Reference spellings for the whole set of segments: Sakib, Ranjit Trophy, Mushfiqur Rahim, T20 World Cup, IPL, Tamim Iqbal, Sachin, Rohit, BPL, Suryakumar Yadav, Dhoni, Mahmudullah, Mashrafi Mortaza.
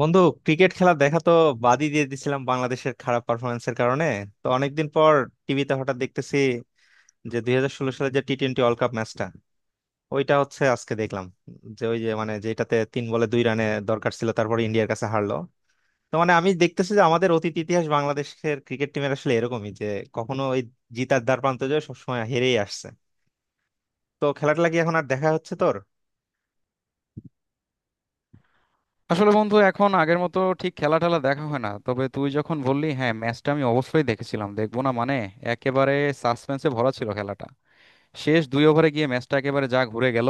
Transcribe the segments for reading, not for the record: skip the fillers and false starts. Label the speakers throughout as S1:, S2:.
S1: বন্ধু, ক্রিকেট খেলা দেখা তো বাদই দিয়ে দিছিলাম বাংলাদেশের খারাপ পারফরমেন্সের কারণে। তো অনেকদিন পর টিভিতে হঠাৎ দেখতেছি যে 2016 সালে যে টি টোয়েন্টি ওয়ার্ল্ড কাপ ম্যাচটা, ওইটা হচ্ছে আজকে দেখলাম, যে ওই যে মানে যেটাতে 3 বলে 2 রানে দরকার ছিল, তারপর ইন্ডিয়ার কাছে হারলো। তো মানে আমি দেখতেছি যে আমাদের অতীত ইতিহাস বাংলাদেশের ক্রিকেট টিমের আসলে এরকমই, যে কখনো ওই জিতার দ্বার প্রান্তে যায়, সবসময় হেরেই আসছে। তো খেলাটা কি এখন আর দেখা হচ্ছে তোর?
S2: আসলে বন্ধু, এখন আগের মতো ঠিক খেলা টেলা দেখা হয় না। তবে তুই যখন বললি, হ্যাঁ ম্যাচটা আমি অবশ্যই দেখেছিলাম, দেখবো না মানে, একেবারে সাসপেন্সে ভরা ছিল খেলাটা। শেষ 2 ওভারে গিয়ে ম্যাচটা একেবারে যা ঘুরে গেল।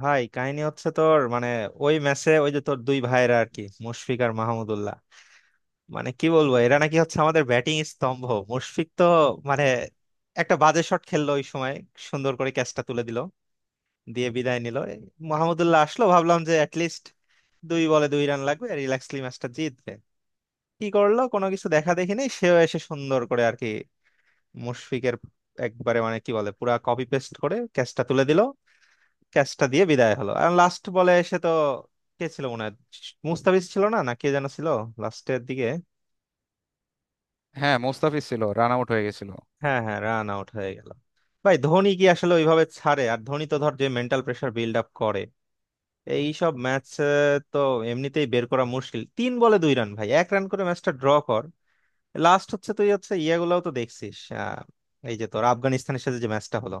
S1: ভাই, কাহিনী হচ্ছে তোর মানে, ওই ম্যাচে ওই যে তোর 2 ভাইরা আর কি, মুশফিক আর মাহমুদুল্লাহ, মানে কি বলবো এরা নাকি হচ্ছে আমাদের ব্যাটিং স্তম্ভ। মুশফিক তো মানে একটা বাজে শট খেললো ওই সময়, সুন্দর করে ক্যাচটা তুলে দিল, দিয়ে বিদায় নিল। এই মাহমুদুল্লাহ আসলো, ভাবলাম যে অ্যাটলিস্ট 2 বলে 2 রান লাগবে, রিল্যাক্সলি ম্যাচটা জিতবে। কি করলো, কোনো কিছু দেখা দেখি নেই, সেও এসে সুন্দর করে আর কি, মুশফিকের একবারে মানে কি বলে পুরা কপি পেস্ট করে ক্যাচটা তুলে দিল, ক্যাচটা দিয়ে বিদায় হলো। আর লাস্ট বলে এসে তো কে ছিল মনে হয়, মুস্তাফিজ ছিল, না না কে যেন ছিল লাস্টের দিকে।
S2: হ্যাঁ, মোস্তাফিজ ছিল, রান আউট হয়ে গেছিল।
S1: হ্যাঁ, হ্যাঁ, রান আউট হয়ে গেল। ভাই, ধোনি কি আসলে ওইভাবে ছাড়ে? আর ধোনি তো ধর যে মেন্টাল প্রেসার বিল্ড আপ করে এই সব ম্যাচ, তো এমনিতেই বের করা মুশকিল। 3 বলে দুই রান ভাই, 1 রান করে ম্যাচটা ড্র কর। লাস্ট হচ্ছে তুই হচ্ছে ইয়েগুলাও তো দেখছিস, আহ, এই যে তোর আফগানিস্তানের সাথে যে ম্যাচটা হলো,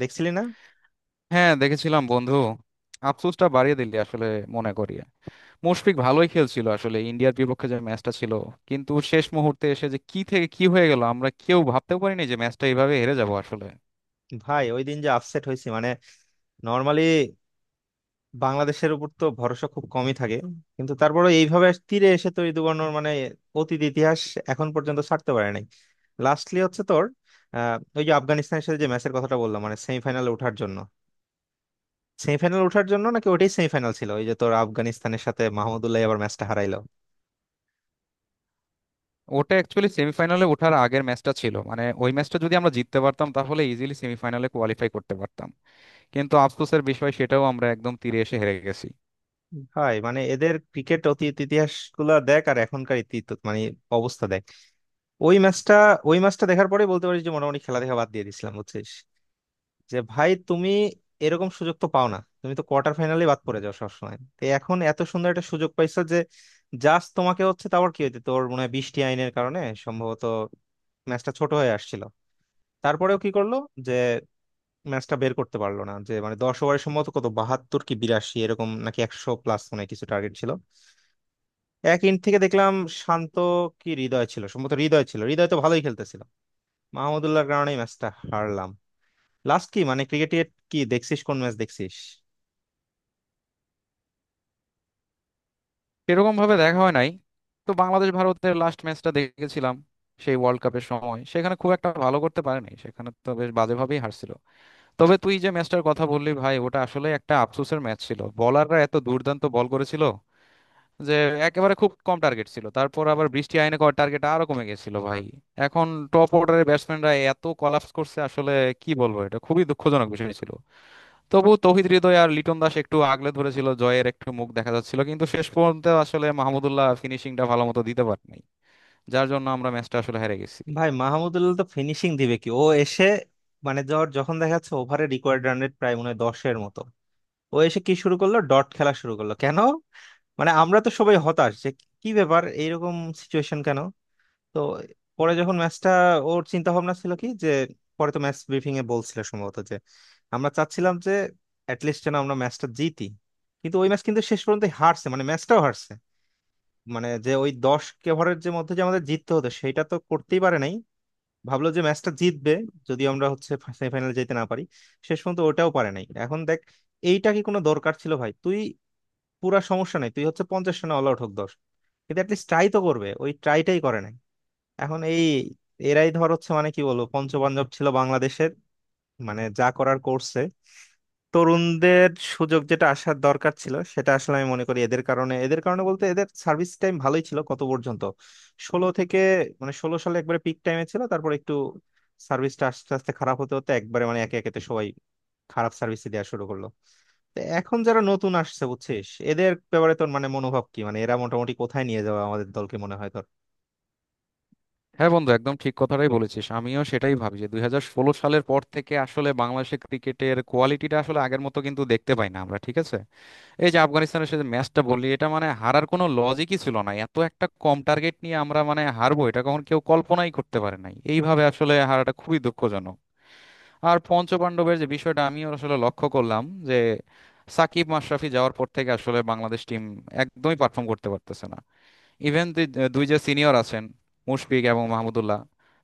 S1: দেখছিলি না?
S2: হ্যাঁ দেখেছিলাম বন্ধু, আফসোসটা বাড়িয়ে দিলি আসলে। মনে করি মুশফিক ভালোই খেলছিল আসলে, ইন্ডিয়ার বিপক্ষে যে ম্যাচটা ছিল। কিন্তু শেষ মুহূর্তে এসে যে কি থেকে কি হয়ে গেল, আমরা কেউ ভাবতেও পারিনি যে ম্যাচটা এইভাবে হেরে যাব আসলে।
S1: ভাই, ওই দিন যে আপসেট হয়েছি মানে, নর্মালি বাংলাদেশের উপর তো ভরসা খুব কমই থাকে, কিন্তু তারপরে এইভাবে তীরে এসে তৈরি দুর্ঘটনার মানে অতীত ইতিহাস এখন পর্যন্ত ছাড়তে পারে নাই। লাস্টলি হচ্ছে তোর ওই যে আফগানিস্তানের সাথে যে ম্যাচের কথাটা বললাম, মানে সেমিফাইনালে ওঠার জন্য, সেমিফাইনাল ওঠার জন্য নাকি ওটাই সেমিফাইনাল ছিল ওই যে তোর আফগানিস্তানের সাথে, মাহমুদুল্লাহ আবার ম্যাচটা হারাইলো।
S2: ওটা অ্যাকচুয়ালি সেমিফাইনালে ওঠার আগের ম্যাচটা ছিল, মানে ওই ম্যাচটা যদি আমরা জিততে পারতাম, তাহলে ইজিলি সেমিফাইনালে কোয়ালিফাই করতে পারতাম। কিন্তু আফসোসের বিষয়, সেটাও আমরা একদম তীরে এসে হেরে গেছি।
S1: ভাই মানে এদের ক্রিকেট অতীত ইতিহাস গুলা দেখ আর এখনকার তো মানে অবস্থা দেখ। ওই ম্যাচটা ওই ম্যাচটা দেখার পরে বলতে পারিস যে মোটামুটি খেলা দেখা বাদ দিয়ে দিয়েছিলাম বুঝছিস। যে ভাই তুমি এরকম সুযোগ তো পাও না, তুমি তো কোয়ার্টার ফাইনালে বাদ পড়ে যাও সবসময়, তো এখন এত সুন্দর একটা সুযোগ পাইছো যে জাস্ট তোমাকে হচ্ছে। তারপর কি হইতে তোর মনে হয় বৃষ্টি আইনের কারণে সম্ভবত ম্যাচটা ছোট হয়ে আসছিল, তারপরেও কি করলো যে ম্যাচটা বের করতে পারলো না। যে মানে 10 ওভারের সম্ভবত কত, 72 কি 82 এরকম নাকি 100 প্লাস, মানে কিছু টার্গেট ছিল। এক ইন থেকে দেখলাম শান্ত কি হৃদয় ছিল, সম্ভবত হৃদয় ছিল, হৃদয় তো ভালোই খেলতেছিল। মাহমুদুল্লাহর কারণে ম্যাচটা হারলাম। লাস্ট কি মানে ক্রিকেটের কি দেখছিস, কোন ম্যাচ দেখছিস?
S2: সেরকম ভাবে দেখা হয় নাই, তো বাংলাদেশ ভারতের লাস্ট ম্যাচটা দেখেছিলাম। সেই ওয়ার্ল্ড কাপের সময় সেখানে খুব একটা ভালো করতে পারেনি, সেখানে তো বেশ বাজেভাবেই হারছিল। তবে তুই যে ম্যাচটার কথা বললি ভাই, ওটা আসলে একটা আফসোসের ম্যাচ ছিল। বলাররা এত দুর্দান্ত বল করেছিল যে একেবারে খুব কম টার্গেট ছিল, তারপর আবার বৃষ্টি আইনে করার টার্গেট আরো কমে গেছিল ভাই। এখন টপ অর্ডারের ব্যাটসম্যানরা এত কলাপস করছে আসলে কি বলবো, এটা খুবই দুঃখজনক বিষয় ছিল। তবু তৌহিদ হৃদয় আর লিটন দাস একটু আগলে ধরেছিল, জয়ের একটু মুখ দেখা যাচ্ছিল, কিন্তু শেষ পর্যন্ত আসলে মাহমুদুল্লাহ ফিনিশিংটা ভালো মতো দিতে পারেনি, যার জন্য আমরা ম্যাচটা আসলে হেরে গেছি।
S1: ভাই মাহমুদুল্লাহ তো ফিনিশিং দিবে কি, ও এসে মানে ধর যখন দেখা যাচ্ছে ওভারে রিকোয়ার্ড রান রেট প্রায় মনে হয় 10 মতো, ও এসে কি শুরু করলো, ডট খেলা শুরু করলো কেন? মানে আমরা তো সবাই হতাশ যে কি ব্যাপার, এইরকম সিচুয়েশন কেন? তো পরে যখন ম্যাচটা, ওর চিন্তা ভাবনা ছিল কি যে, পরে তো ম্যাচ ব্রিফিং এ বলছিল সম্ভবত যে আমরা চাচ্ছিলাম যে অ্যাটলিস্ট যেন আমরা ম্যাচটা জিতি, কিন্তু ওই ম্যাচ কিন্তু শেষ পর্যন্ত হারছে, মানে ম্যাচটাও হারছে। মানে যে ওই 10 ওভারের যে মধ্যে যে আমাদের জিততে হতো, সেটা তো করতেই পারে নাই। ভাবলো যে ম্যাচটা জিতবে যদি আমরা হচ্ছে সেমিফাইনালে যেতে না পারি, শেষ পর্যন্ত ওটাও পারে নাই এখন দেখ। এইটা কি কোনো দরকার ছিল ভাই? তুই পুরা, সমস্যা নাই, তুই হচ্ছে 50 রানে অল আউট হোক, 10, কিন্তু অ্যাটলিস্ট ট্রাই তো করবে, ওই ট্রাইটাই করে নাই। এখন এই এরাই ধর হচ্ছে মানে কি বলবো পঞ্চপাণ্ডব ছিল বাংলাদেশের, মানে যা করার করছে, তরুণদের সুযোগ যেটা আসার দরকার ছিল সেটা আসলে আমি মনে করি এদের কারণে বলতে এদের সার্ভিস টাইম ভালোই ছিল কত পর্যন্ত, 2016 থেকে, মানে 2016 সালে একবারে পিক টাইমে ছিল, তারপর একটু সার্ভিসটা আস্তে আস্তে খারাপ হতে হতে একবারে মানে একে একেতে সবাই খারাপ সার্ভিস দেওয়া শুরু করলো। তো এখন যারা নতুন আসছে বুঝছিস, এদের ব্যাপারে তোর মানে মনোভাব কি, মানে এরা মোটামুটি কোথায় নিয়ে যাবে আমাদের দলকে, মনে হয় তোর?
S2: হ্যাঁ বন্ধু, একদম ঠিক কথাটাই বলেছিস। আমিও সেটাই ভাবি যে 2016 সালের পর থেকে আসলে বাংলাদেশের ক্রিকেটের কোয়ালিটিটা আসলে আগের মতো কিন্তু দেখতে পাই না আমরা, ঠিক আছে। এই যে আফগানিস্তানের সাথে ম্যাচটা বললি, এটা মানে হারার কোনো লজিকই ছিল না, এত একটা কম টার্গেট নিয়ে আমরা মানে হারবো, এটা কখন কেউ কল্পনাই করতে পারে নাই। এইভাবে আসলে হারাটা খুবই দুঃখজনক। আর পঞ্চপাণ্ডবের যে বিষয়টা আমিও আসলে লক্ষ্য করলাম যে সাকিব মাশরাফি যাওয়ার পর থেকে আসলে বাংলাদেশ টিম একদমই পারফর্ম করতে পারতেছে না। ইভেন দুই যে সিনিয়র আছেন, মুশফিক এবং মাহমুদুল্লাহ,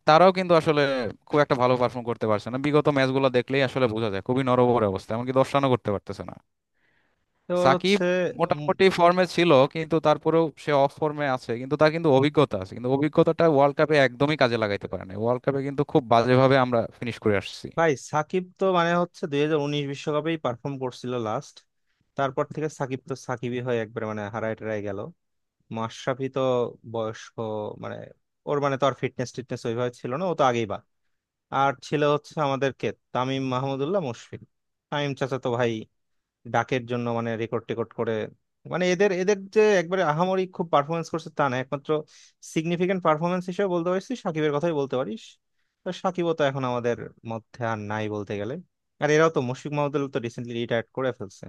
S2: তারাও কিন্তু আসলে খুব একটা ভালো পারফর্ম করতে পারছে না। বিগত ম্যাচগুলো দেখলেই আসলে বোঝা যায় খুবই নড়বড়ে অবস্থা, এমনকি 10 রানও করতে পারতেছে না।
S1: তোর
S2: সাকিব
S1: হচ্ছে
S2: মোটামুটি ফর্মে ছিল, কিন্তু তারপরেও সে অফ ফর্মে আছে, কিন্তু তার কিন্তু অভিজ্ঞতা আছে, কিন্তু অভিজ্ঞতাটা ওয়ার্ল্ড কাপে একদমই কাজে লাগাইতে পারে না। ওয়ার্ল্ড কাপে কিন্তু খুব বাজেভাবে আমরা ফিনিশ করে আসছি।
S1: ভাই সাকিব তো মানে হচ্ছে 2019 বিশ্বকাপেই পারফর্ম করছিল লাস্ট, তারপর থেকে সাকিব তো সাকিবই হয়ে একবারে মানে হারায় টারায় গেল। মাশরাফি তো বয়স্ক মানে, ওর মানে তো আর ফিটনেস টিটনেস ওইভাবে ছিল না, ও তো আগেই বা আর ছিল হচ্ছে আমাদেরকে তামিম, মাহমুদুল্লাহ, মুশফিক। তামিম চাচা তো ভাই ডাকের জন্য মানে রেকর্ড টেকর্ড করে, মানে এদের এদের যে একবারে আহামরি খুব পারফরমেন্স করছে তা না, একমাত্র সিগনিফিকেন্ট পারফরমেন্স হিসেবে বলতে পারিস তুই সাকিবের কথাই বলতে পারিস। তো সাকিবও তো এখন আমাদের মধ্যে আর নাই বলতে গেলে। আর এরাও তো মুশফিক মাহমুদুল তো রিসেন্টলি রিটায়ার করে ফেলছে।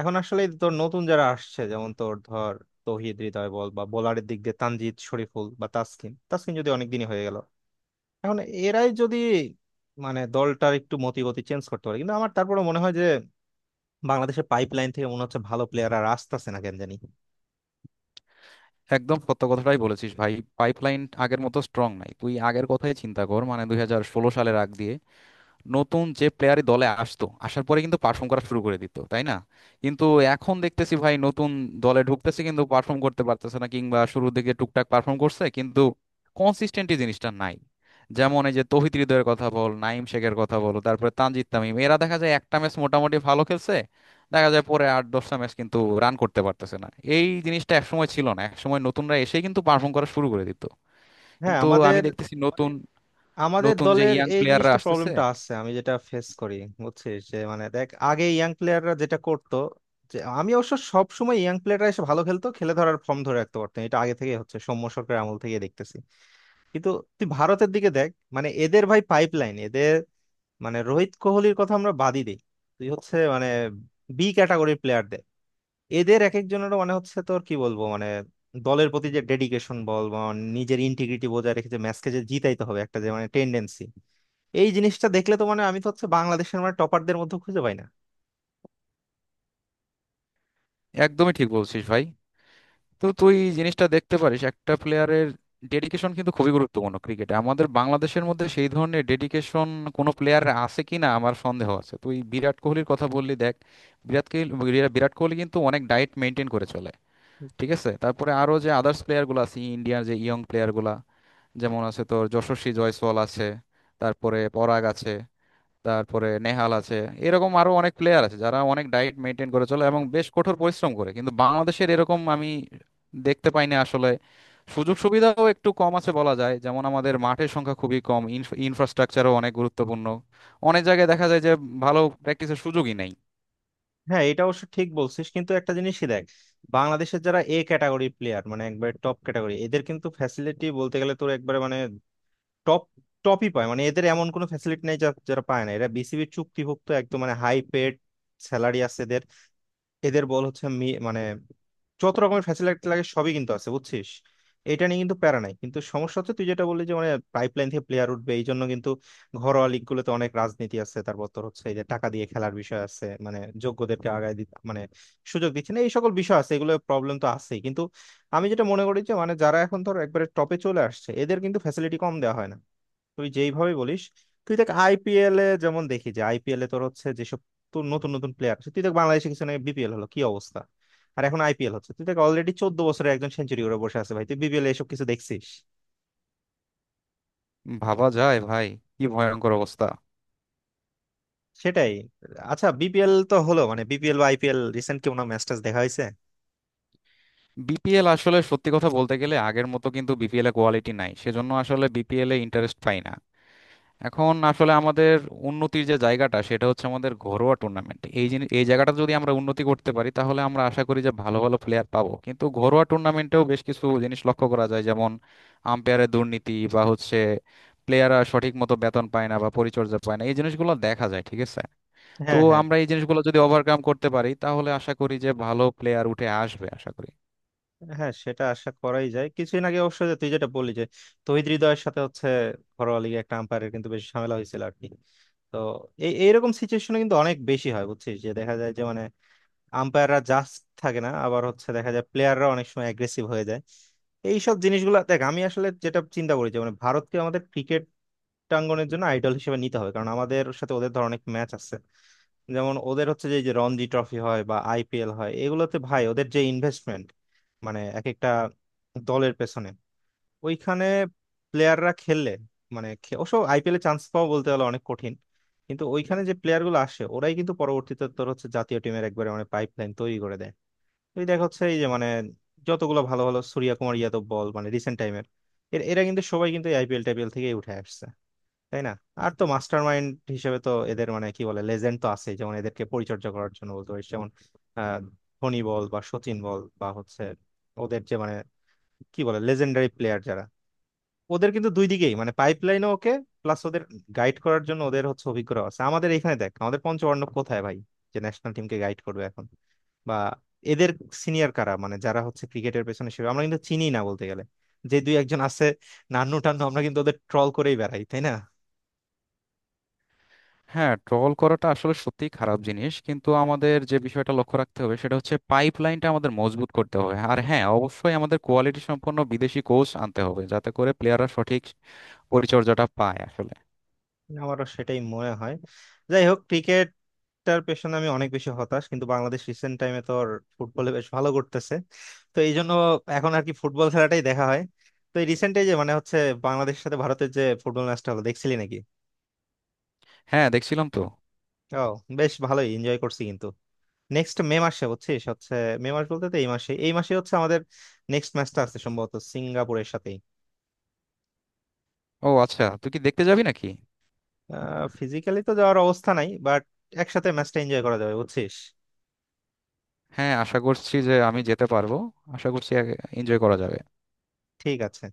S1: এখন আসলে তোর নতুন যারা আসছে যেমন তোর ধর তৌহিদ হৃদয় বল, বা বোলারের দিক দিয়ে তানজিদ, শরীফুল, বা তাসকিন, তাসকিন যদি অনেকদিনই হয়ে গেল। এখন এরাই যদি মানে দলটার একটু মতিগতি চেঞ্জ করতে পারে, কিন্তু আমার তারপরে মনে হয় যে বাংলাদেশের পাইপলাইন থেকে মনে হচ্ছে ভালো প্লেয়ার আর আসতেছে না, কেন জানি।
S2: একদম সত্য কথাটাই বলেছিস ভাই। পাইপলাইন আগের মতো স্ট্রং নাই। তুই আগের কথাই চিন্তা কর, মানে 2016 সালের আগ দিয়ে নতুন যে প্লেয়ারই দলে আসতো, আসার পরে কিন্তু পারফর্ম করা শুরু করে দিত, তাই না? কিন্তু এখন দেখতেছি ভাই, নতুন দলে ঢুকতেছে কিন্তু পারফর্ম করতে পারতেছে না, কিংবা শুরুর দিকে টুকটাক পারফর্ম করছে কিন্তু কনসিস্টেন্টি জিনিসটা নাই। যেমন এই যে তৌহিদ হৃদয়ের কথা বল, নাইম শেখের কথা বল, তারপরে তানজিদ তামিম, এরা দেখা যায় একটা ম্যাচ মোটামুটি ভালো খেলছে, দেখা যায় পরে আট দশটা ম্যাচ কিন্তু রান করতে পারতেছে না। এই জিনিসটা একসময় ছিল না, একসময় নতুনরা এসেই কিন্তু পারফর্ম করা শুরু করে দিত।
S1: হ্যাঁ,
S2: কিন্তু আমি
S1: আমাদের
S2: দেখতেছি নতুন,
S1: আমাদের
S2: নতুন যে
S1: দলের
S2: ইয়াং
S1: এই
S2: প্লেয়াররা
S1: জিনিসটা
S2: আসতেছে।
S1: প্রবলেমটা আছে, আমি যেটা ফেস করি, বুঝছিস, যে মানে দেখ আগে ইয়াং প্লেয়াররা যেটা করতো, যে আমি অবশ্য সব সময় ইয়াং প্লেয়াররা এসে ভালো খেলতো, খেলে ধরার ফর্ম ধরে রাখতে পারতো, এটা আগে থেকে হচ্ছে সৌম্য সরকারের আমল থেকে দেখতেছি। কিন্তু তুই ভারতের দিকে দেখ মানে এদের ভাই পাইপলাইন, এদের মানে রোহিত কোহলির কথা আমরা বাদই দিই, তুই হচ্ছে মানে বি ক্যাটাগরির প্লেয়ার দে, এদের এক একজনের মানে হচ্ছে তোর কি বলবো মানে দলের প্রতি যে ডেডিকেশন বল বা নিজের ইন্টিগ্রিটি বজায় রেখে যে ম্যাচকে যে জিতাইতে হবে একটা যে মানে টেন্ডেন্সি, এই জিনিসটা দেখলে তো মানে আমি তো হচ্ছে বাংলাদেশের মানে টপারদের মধ্যে খুঁজে পাই না।
S2: একদমই ঠিক বলছিস ভাই। তো তুই জিনিসটা দেখতে পারিস, একটা প্লেয়ারের ডেডিকেশন কিন্তু খুবই গুরুত্বপূর্ণ ক্রিকেটে। আমাদের বাংলাদেশের মধ্যে সেই ধরনের ডেডিকেশন কোনো প্লেয়ার আছে কিনা আমার সন্দেহ আছে। তুই বিরাট কোহলির কথা বললি, দেখ, বিরাট কোহলি কিন্তু অনেক ডায়েট মেনটেন করে চলে, ঠিক আছে। তারপরে আরো যে আদার্স প্লেয়ারগুলো আছে ইন্ডিয়ার, যে ইয়ং প্লেয়ারগুলো, যেমন আছে তোর যশস্বী জয়সওয়াল আছে, তারপরে পরাগ আছে, তারপরে নেহাল আছে, এরকম আরো অনেক প্লেয়ার আছে যারা অনেক ডায়েট মেনটেন করে চলে এবং বেশ কঠোর পরিশ্রম করে, কিন্তু বাংলাদেশের এরকম আমি দেখতে পাই না আসলে। সুযোগ সুবিধাও একটু কম আছে বলা যায়, যেমন আমাদের মাঠের সংখ্যা খুবই কম। ইনফ্রাস্ট্রাকচারও অনেক গুরুত্বপূর্ণ, অনেক জায়গায় দেখা যায় যে ভালো প্র্যাকটিসের সুযোগই নেই।
S1: হ্যাঁ এটা অবশ্য ঠিক বলছিস, কিন্তু একটা জিনিসই দেখ বাংলাদেশের যারা এ ক্যাটাগরি প্লেয়ার মানে একবারে টপ ক্যাটাগরি, এদের কিন্তু ফ্যাসিলিটি বলতে গেলে তোর একবারে মানে টপ টপই পায়, মানে এদের এমন কোনো ফ্যাসিলিটি নেই যারা পায় না। এরা বিসিবির চুক্তিভুক্ত, একদম মানে হাই পেড স্যালারি আছে এদের। এদের বল হচ্ছে মানে যত রকমের ফ্যাসিলিটি লাগে সবই কিন্তু আছে বুঝছিস, এটা নিয়ে কিন্তু প্যারা নাই। কিন্তু সমস্যা হচ্ছে তুই যেটা বললি যে মানে পাইপলাইন থেকে প্লেয়ার উঠবে এই জন্য কিন্তু ঘরোয়া লিগ গুলোতে অনেক রাজনীতি আছে, তারপর তোর হচ্ছে এই যে টাকা দিয়ে খেলার বিষয় আছে, মানে যোগ্যদেরকে আগায় দিতে মানে সুযোগ দিচ্ছে না, এই সকল বিষয় আছে, এগুলো প্রবলেম তো আছেই। কিন্তু আমি যেটা মনে করি যে মানে যারা এখন ধর একবারে টপে চলে আসছে এদের কিন্তু ফ্যাসিলিটি কম দেওয়া হয় না তুই যেইভাবে বলিস। তুই দেখ আইপিএল এ যেমন দেখি যে আইপিএল এ তোর হচ্ছে যেসব তো নতুন নতুন প্লেয়ার আছে, তুই দেখ বাংলাদেশে কিছু নেই, বিপিএল হলো কি অবস্থা। আর এখন আইপিএল হচ্ছে তুই দেখ অলরেডি 14 বছরে একজন সেঞ্চুরি করে বসে আছে ভাই, তুই বিপিএল এসব কিছু দেখছিস?
S2: ভাবা যায় ভাই, কি ভয়ঙ্কর অবস্থা।
S1: সেটাই। আচ্ছা বিপিএল তো হলো, মানে বিপিএল বা আইপিএল রিসেন্ট কি কোনো ম্যাচ ট্যাচ দেখা হয়েছে?
S2: বিপিএল আসলে সত্যি কথা বলতে গেলে আগের মতো কিন্তু বিপিএল এ কোয়ালিটি নাই, সেজন্য আসলে বিপিএল এ ইন্টারেস্ট পাই না। এখন আসলে আমাদের উন্নতির যে জায়গাটা সেটা হচ্ছে আমাদের ঘরোয়া টুর্নামেন্ট। এই জিনিস, এই জায়গাটা যদি আমরা উন্নতি করতে পারি, তাহলে আমরা আশা করি যে ভালো ভালো প্লেয়ার পাবো। কিন্তু ঘরোয়া টুর্নামেন্টেও বেশ কিছু জিনিস লক্ষ্য করা যায়, যেমন আম্পায়ারের দুর্নীতি, বা হচ্ছে প্লেয়াররা সঠিক মতো বেতন পায় না বা পরিচর্যা পায় না, এই জিনিসগুলো দেখা যায়, ঠিক আছে। তো
S1: হ্যাঁ, হ্যাঁ।
S2: আমরা এই জিনিসগুলো যদি ওভারকাম করতে পারি, তাহলে আশা করি যে ভালো প্লেয়ার উঠে আসবে, আশা করি।
S1: হ্যাঁ, সেটা আশা করাই যায়। কিছুদিন আগে অবশ্য যে তুই যেটা বললি যে তহিদ হৃদয়ের সাথে হচ্ছে ঘরোয়া লিগে একটা আম্পায়ারের কিন্তু বেশ ঝামেলা হয়েছিল আর কি। তো এই এইরকম সিচুয়েশনে কিন্তু অনেক বেশি হয়, বুঝছিস, যে দেখা যায় যে মানে আম্পায়াররা জাস্ট থাকে না, আবার হচ্ছে দেখা যায় প্লেয়াররা অনেক সময় অ্যাগ্রেসিভ হয়ে যায়। এইসব জিনিসগুলো দেখ, আমি আসলে যেটা চিন্তা করি যে মানে ভারতকে আমাদের ক্রিকেট প্রাঙ্গনের জন্য আইডল হিসেবে নিতে হবে কারণ আমাদের সাথে ওদের ধর অনেক ম্যাচ আছে। যেমন ওদের হচ্ছে যে এই যে রঞ্জি ট্রফি হয় বা আইপিএল হয়, এগুলোতে ভাই ওদের যে ইনভেস্টমেন্ট মানে এক একটা দলের পেছনে, ওইখানে প্লেয়াররা খেললে মানে অবশ্য আইপিএলে চান্স পাওয়া বলতে গেলে অনেক কঠিন, কিন্তু ওইখানে যে প্লেয়ার গুলো আসে ওরাই কিন্তু পরবর্তীতে তোর হচ্ছে জাতীয় টিমের একবারে মানে পাইপ লাইন তৈরি করে দেয়। তুই দেখ হচ্ছে এই যে মানে যতগুলো ভালো ভালো সূর্যা কুমার যাদব বল মানে রিসেন্ট টাইমের, এরা কিন্তু সবাই কিন্তু আইপিএল টাইপিএল থেকে উঠে আসছে, তাই না? আর তো মাস্টার মাইন্ড হিসেবে তো এদের মানে কি বলে লেজেন্ড তো আছে যেমন, এদেরকে পরিচর্যা করার জন্য বলতে পারিস যেমন আহ ধোনি বল বা সচিন বল বা হচ্ছে ওদের যে মানে কি বলে লেজেন্ডারি প্লেয়ার যারা, ওদের কিন্তু দুই দিকেই মানে পাইপ লাইনে ওকে। প্লাস ওদের গাইড করার জন্য ওদের হচ্ছে অভিজ্ঞতা আছে। আমাদের এখানে দেখ আমাদের পঞ্চপাণ্ডব কোথায় ভাই যে ন্যাশনাল টিমকে গাইড করবে এখন, বা এদের সিনিয়র কারা মানে যারা হচ্ছে ক্রিকেটের পেছনে, সেভাবে আমরা কিন্তু চিনি না বলতে গেলে, যে দুই একজন আছে নান্নু টান্নু আমরা কিন্তু ওদের ট্রল করেই বেড়াই, তাই না?
S2: হ্যাঁ, ট্রল করাটা আসলে সত্যিই খারাপ জিনিস, কিন্তু আমাদের যে বিষয়টা লক্ষ্য রাখতে হবে সেটা হচ্ছে পাইপ লাইনটা আমাদের মজবুত করতে হবে, আর হ্যাঁ অবশ্যই আমাদের কোয়ালিটি সম্পন্ন বিদেশি কোচ আনতে হবে, যাতে করে প্লেয়াররা সঠিক পরিচর্যাটা পায় আসলে।
S1: আমারও সেটাই মনে হয়। যাই হোক ক্রিকেট টার পেছনে আমি অনেক বেশি হতাশ, কিন্তু বাংলাদেশ রিসেন্ট টাইমে তো ওর ফুটবলে বেশ ভালো করতেছে, তো এই জন্য এখন আর কি ফুটবল খেলাটাই দেখা হয়। তো এই রিসেন্ট যে মানে হচ্ছে বাংলাদেশের সাথে ভারতের যে ফুটবল ম্যাচটা হলো, দেখছিলি নাকি?
S2: হ্যাঁ দেখছিলাম তো।
S1: ও, বেশ ভালোই এনজয় করছি কিন্তু। নেক্সট মে মাসে, বুঝছিস হচ্ছে মে মাস বলতে তো এই মাসে, এই মাসে হচ্ছে আমাদের নেক্সট ম্যাচটা আছে সম্ভবত সিঙ্গাপুরের সাথেই।
S2: ও আচ্ছা, তুই কি দেখতে যাবি নাকি?
S1: ফিজিক্যালি তো যাওয়ার অবস্থা নাই, বাট একসাথে ম্যাচটা এনজয় করা যাবে, বুঝছিস।
S2: হ্যাঁ আশা করছি যে আমি যেতে পারবো। আশা করছি এনজয় করা যাবে।
S1: ঠিক আছে।